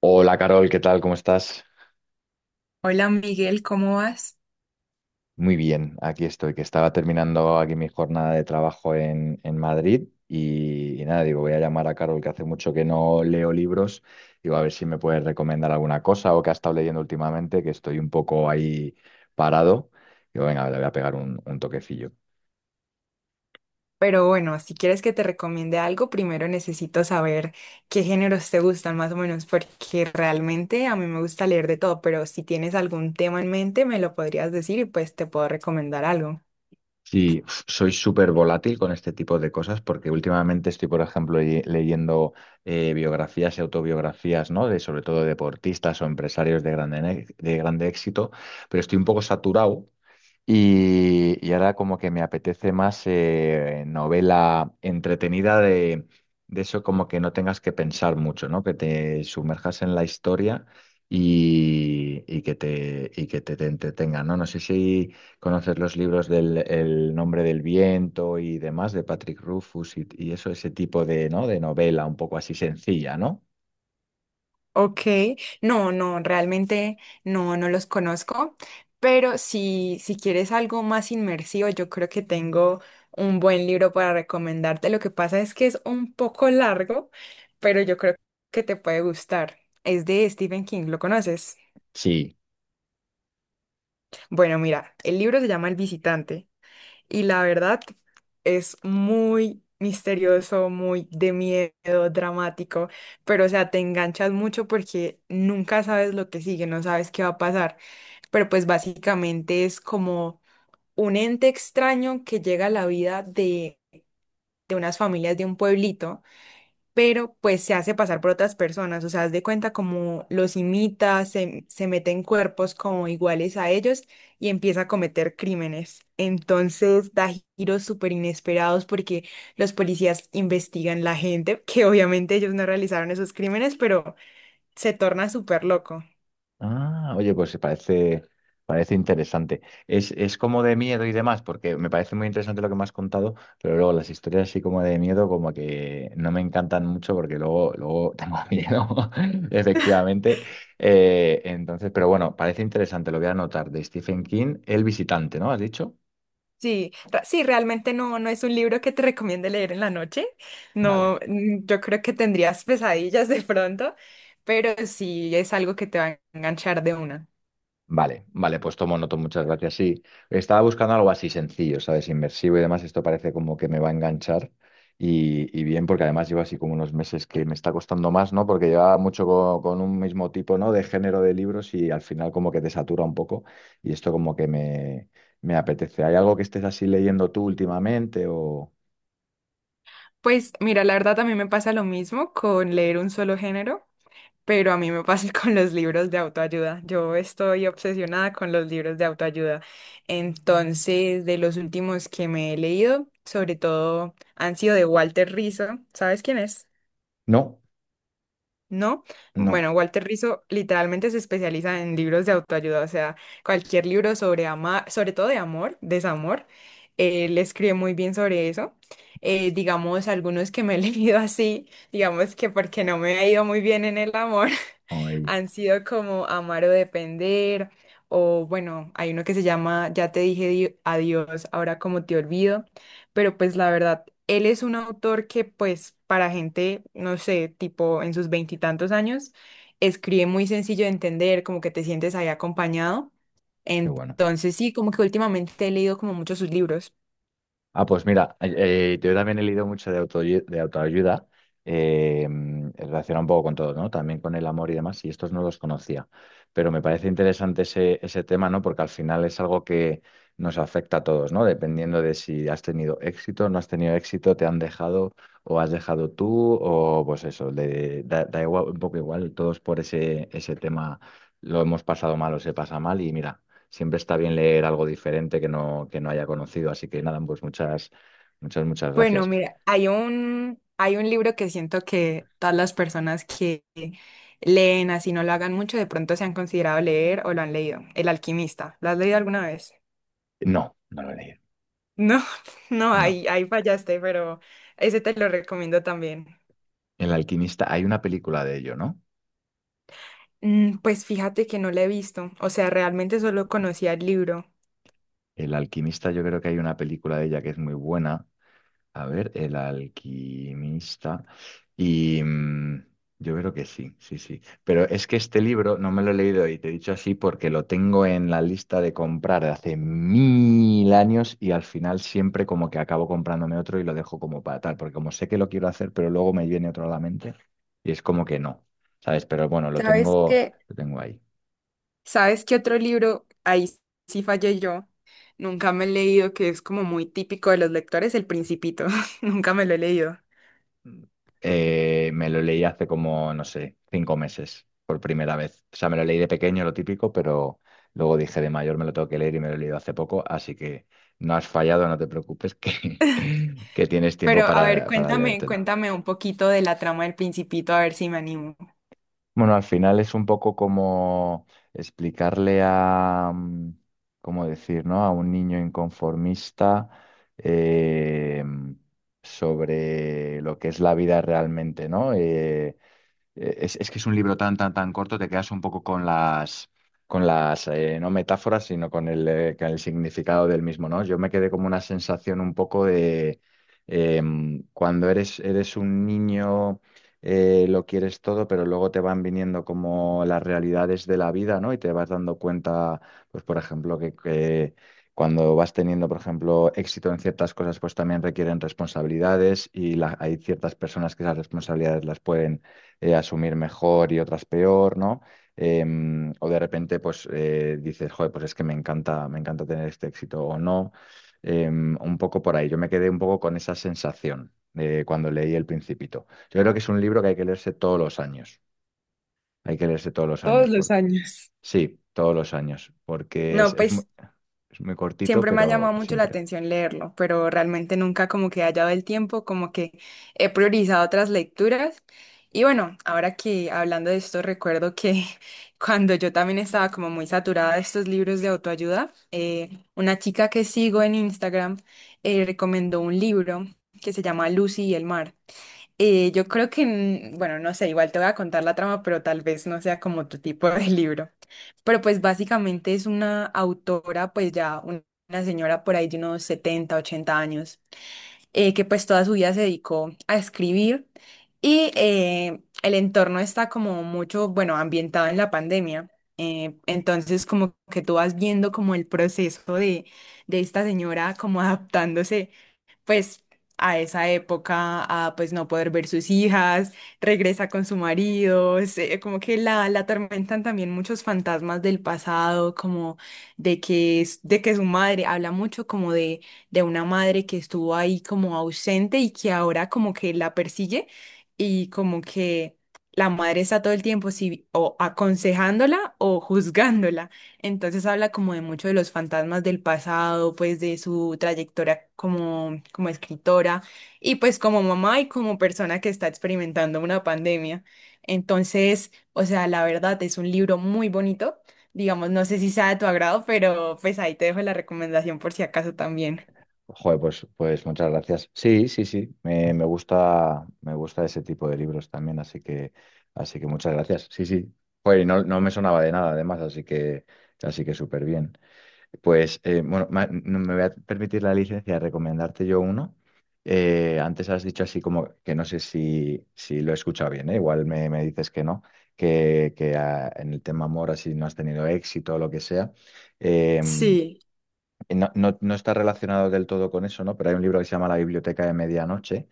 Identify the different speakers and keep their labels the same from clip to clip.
Speaker 1: Hola Carol, ¿qué tal? ¿Cómo estás?
Speaker 2: Hola Miguel, ¿cómo vas?
Speaker 1: Muy bien, aquí estoy, que estaba terminando aquí mi jornada de trabajo en Madrid y nada, digo, voy a llamar a Carol, que hace mucho que no leo libros, digo, a ver si me puedes recomendar alguna cosa o que ha estado leyendo últimamente, que estoy un poco ahí parado. Digo, venga, le voy a pegar un toquecillo.
Speaker 2: Pero bueno, si quieres que te recomiende algo, primero necesito saber qué géneros te gustan más o menos, porque realmente a mí me gusta leer de todo, pero si tienes algún tema en mente, me lo podrías decir y pues te puedo recomendar algo.
Speaker 1: Sí, uf, soy súper volátil con este tipo de cosas porque últimamente estoy, por ejemplo, leyendo biografías y autobiografías, ¿no? De sobre todo deportistas o empresarios de de grande éxito, pero estoy un poco saturado y ahora como que me apetece más novela entretenida de eso como que no tengas que pensar mucho, ¿no? Que te sumerjas en la historia y y que te entretenga, ¿no? No sé si conoces los libros del El nombre del viento y demás de Patrick Rufus y eso, ese tipo de, ¿no? De novela un poco así sencilla, ¿no?
Speaker 2: Ok, no, realmente no los conozco, pero si quieres algo más inmersivo, yo creo que tengo un buen libro para recomendarte. Lo que pasa es que es un poco largo, pero yo creo que te puede gustar. Es de Stephen King, ¿lo conoces?
Speaker 1: Sí.
Speaker 2: Bueno, mira, el libro se llama El visitante y la verdad es muy misterioso, muy de miedo, dramático, pero o sea, te enganchas mucho porque nunca sabes lo que sigue, no sabes qué va a pasar, pero pues básicamente es como un ente extraño que llega a la vida de unas familias de un pueblito, pero pues se hace pasar por otras personas, o sea, haz de cuenta como los imita, se mete en cuerpos como iguales a ellos y empieza a cometer crímenes. Entonces da giros súper inesperados porque los policías investigan la gente, que obviamente ellos no realizaron esos crímenes, pero se torna súper loco.
Speaker 1: Ah, oye, parece interesante. Es como de miedo y demás, porque me parece muy interesante lo que me has contado, pero luego las historias así como de miedo, como que no me encantan mucho porque luego tengo miedo, efectivamente. Entonces, pero bueno, parece interesante, lo voy a anotar, de Stephen King, El visitante, ¿no? ¿Has dicho?
Speaker 2: Sí, realmente no, no es un libro que te recomiende leer en la noche.
Speaker 1: Vale.
Speaker 2: No, yo creo que tendrías pesadillas de pronto, pero sí es algo que te va a enganchar de una.
Speaker 1: Vale, vale, pues tomo noto, muchas gracias. Sí, estaba buscando algo así sencillo, ¿sabes? Inmersivo y demás. Esto parece como que me va a enganchar y bien, porque además llevo así como unos meses que me está costando más, ¿no? Porque llevaba mucho un mismo tipo, ¿no? De género de libros y al final como que te satura un poco y esto como me apetece. ¿Hay algo que estés así leyendo tú últimamente o...?
Speaker 2: Pues mira, la verdad a mí me pasa lo mismo con leer un solo género, pero a mí me pasa con los libros de autoayuda. Yo estoy obsesionada con los libros de autoayuda. Entonces, de los últimos que me he leído, sobre todo han sido de Walter Rizzo. ¿Sabes quién es?
Speaker 1: No,
Speaker 2: ¿No?
Speaker 1: no.
Speaker 2: Bueno, Walter Rizzo literalmente se especializa en libros de autoayuda, o sea, cualquier libro sobre amar, sobre todo de amor, desamor, él escribe muy bien sobre eso. Digamos, algunos que me he leído así, digamos que porque no me ha ido muy bien en el amor,
Speaker 1: Ay,
Speaker 2: han sido como amar o depender, o bueno, hay uno que se llama Ya te dije adiós, ahora como te olvido, pero pues la verdad, él es un autor que pues para gente, no sé, tipo en sus veintitantos años, escribe muy sencillo de entender, como que te sientes ahí acompañado.
Speaker 1: qué bueno.
Speaker 2: Entonces sí, como que últimamente he leído como muchos sus libros.
Speaker 1: Ah, pues mira, yo también he leído mucho de de autoayuda, eh, relacionado un poco con todo, ¿no? También con el amor y demás, y estos no los conocía. Pero me parece interesante ese tema, ¿no? Porque al final es algo que nos afecta a todos, ¿no? Dependiendo de si has tenido éxito, no has tenido éxito, te han dejado o has dejado tú, o pues eso, da igual, un poco igual, todos por ese tema lo hemos pasado mal o se pasa mal, y mira siempre está bien leer algo diferente que no haya conocido. Así que nada, muchas
Speaker 2: Bueno,
Speaker 1: gracias.
Speaker 2: mira, hay un libro que siento que todas las personas que leen así no lo hagan mucho, de pronto se han considerado leer o lo han leído. El Alquimista. ¿Lo has leído alguna vez?
Speaker 1: No, no lo he leído.
Speaker 2: No, no,
Speaker 1: No.
Speaker 2: ahí fallaste, pero ese te lo recomiendo también.
Speaker 1: El alquimista, hay una película de ello, ¿no?
Speaker 2: Pues fíjate que no lo he visto, o sea, realmente solo conocía el libro.
Speaker 1: El alquimista, yo creo que hay una película de ella que es muy buena. A ver, el alquimista. Y mm, yo creo que sí, sí, sí. Pero es que este libro no me lo he leído y te he dicho así porque lo tengo en la lista de comprar de hace mil años y al final siempre como que acabo comprándome otro y lo dejo como para tal, porque como sé que lo quiero hacer, pero luego me viene otro a la mente y es como que no, ¿sabes? Pero bueno,
Speaker 2: ¿Sabes qué?
Speaker 1: lo tengo ahí.
Speaker 2: ¿Sabes qué otro libro? Ahí sí fallé yo. Nunca me he leído, que es como muy típico de los lectores, El Principito. Nunca me lo he leído.
Speaker 1: Me lo leí hace como, no sé, 5 meses por primera vez. O sea, me lo leí de pequeño, lo típico, pero luego dije de mayor me lo tengo que leer y me lo he leído hace poco, así que no has fallado, no te preocupes, que que tienes tiempo
Speaker 2: Pero a ver,
Speaker 1: para
Speaker 2: cuéntame,
Speaker 1: leértelo.
Speaker 2: cuéntame un poquito de la trama del Principito, a ver si me animo.
Speaker 1: Bueno, al final es un poco como explicarle a ¿cómo decir, no? A un niño inconformista eh, sobre lo que es la vida realmente, ¿no? Es que es un libro tan corto, te quedas un poco con no metáforas, sino con con el significado del mismo, ¿no? Yo me quedé como una sensación un poco de cuando eres un niño, lo quieres todo, pero luego te van viniendo como las realidades de la vida, ¿no? Y te vas dando cuenta, pues por ejemplo, que cuando vas teniendo, por ejemplo, éxito en ciertas cosas, pues también requieren responsabilidades y hay ciertas personas que esas responsabilidades las pueden, asumir mejor y otras peor, ¿no? O de repente, dices, joder, pues es que me encanta tener este éxito o no. Un poco por ahí. Yo me quedé un poco con esa sensación cuando leí El Principito. Yo creo que es un libro que hay que leerse todos los años. Hay que leerse todos los
Speaker 2: Todos
Speaker 1: años
Speaker 2: los
Speaker 1: porque
Speaker 2: años.
Speaker 1: sí, todos los años, porque
Speaker 2: No, pues
Speaker 1: es muy cortito,
Speaker 2: siempre me ha llamado
Speaker 1: pero
Speaker 2: mucho la
Speaker 1: siempre.
Speaker 2: atención leerlo, pero realmente nunca como que he hallado el tiempo, como que he priorizado otras lecturas. Y bueno, ahora que hablando de esto, recuerdo que cuando yo también estaba como muy saturada de estos libros de autoayuda, una chica que sigo en Instagram recomendó un libro que se llama Lucy y el mar. Yo creo que, mm, bueno, no sé, igual te voy a contar la trama, pero tal vez no sea como tu tipo de libro. Pero pues básicamente es una autora, pues ya una señora por ahí de unos 70 u 80 años, que pues toda su vida se dedicó a escribir y el entorno está como mucho, bueno, ambientado en la pandemia. Entonces como que tú vas viendo como el proceso de esta señora como adaptándose pues a esa época a pues no poder ver sus hijas, regresa con su marido, como que la atormentan también muchos fantasmas del pasado, como de de que su madre, habla mucho como de una madre que estuvo ahí como ausente y que ahora como que la persigue y como que... La madre está todo el tiempo sí, o aconsejándola o juzgándola. Entonces habla como de mucho de los fantasmas del pasado, pues de su trayectoria como, como escritora y pues como mamá y como persona que está experimentando una pandemia. Entonces, o sea, la verdad es un libro muy bonito. Digamos, no sé si sea de tu agrado, pero pues ahí te dejo la recomendación por si acaso también.
Speaker 1: Joder, pues muchas gracias. Sí, sí, sí. Me gusta, ese tipo de libros también, así que muchas gracias. Sí, sí. Joder, y no me sonaba de nada, además, así que súper bien. Bueno, no me voy a permitir la licencia de recomendarte yo uno. Antes has dicho así como que no sé si lo he escuchado bien, ¿eh? Igual me dices que no, en el tema amor así no has tenido éxito o lo que sea. Eh,
Speaker 2: Sí,
Speaker 1: y no está relacionado del todo con eso, ¿no? Pero hay un libro que se llama La Biblioteca de Medianoche,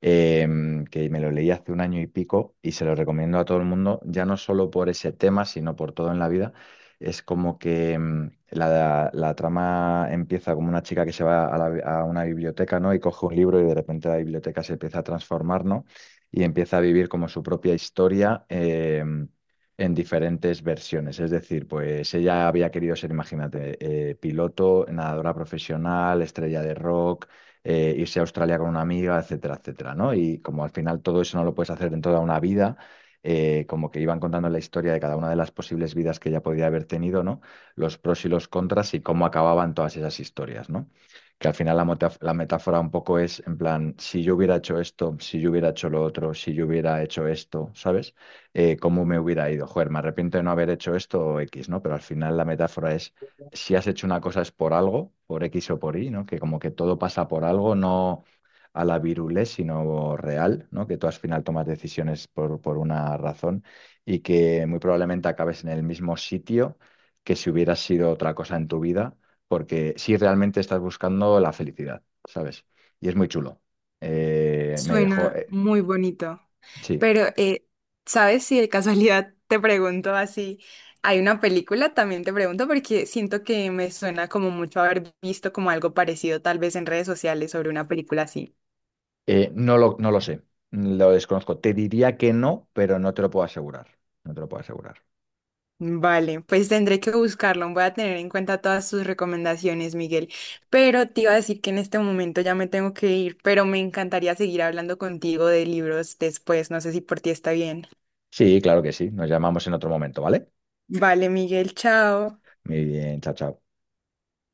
Speaker 1: eh, que me lo leí hace un año y pico y se lo recomiendo a todo el mundo, ya no solo por ese tema, sino por todo en la vida. Es como que mm, la trama empieza como una chica que se va a una biblioteca, ¿no? Y coge un libro y de repente la biblioteca se empieza a transformar, ¿no? Y empieza a vivir como su propia historia. En diferentes versiones, es decir, pues ella había querido ser, imagínate, piloto, nadadora profesional, estrella de rock, irse a Australia con una amiga, etcétera, etcétera, ¿no? Y como al final todo eso no lo puedes hacer en toda una vida, como que iban contando la historia de cada una de las posibles vidas que ella podía haber tenido, ¿no? Los pros y los contras y cómo acababan todas esas historias, ¿no? Que al final la metáfora un poco es en plan, si yo hubiera hecho esto, si yo hubiera hecho lo otro, si yo hubiera hecho esto, ¿sabes? ¿Cómo me hubiera ido? Joder, me arrepiento de no haber hecho esto o X, ¿no? Pero al final la metáfora es si has hecho una cosa es por algo, por X o por Y, ¿no? Que como que todo pasa por algo, no a la virulé, sino real, ¿no? Que tú al final tomas decisiones por una razón y que muy probablemente acabes en el mismo sitio que si hubieras sido otra cosa en tu vida, porque si realmente estás buscando la felicidad, ¿sabes? Y es muy chulo. Me dejó,
Speaker 2: suena muy bonito.
Speaker 1: sí.
Speaker 2: Pero, ¿sabes si de casualidad te pregunto así? Hay una película, también te pregunto porque siento que me suena como mucho haber visto como algo parecido tal vez en redes sociales sobre una película así.
Speaker 1: No lo sé, lo desconozco. Te diría que no, pero no te lo puedo asegurar. No te lo puedo asegurar.
Speaker 2: Vale, pues tendré que buscarlo, voy a tener en cuenta todas sus recomendaciones, Miguel. Pero te iba a decir que en este momento ya me tengo que ir, pero me encantaría seguir hablando contigo de libros después, no sé si por ti está bien.
Speaker 1: Sí, claro que sí. Nos llamamos en otro momento, ¿vale?
Speaker 2: Vale, Miguel, chao.
Speaker 1: Muy bien, chao, chao.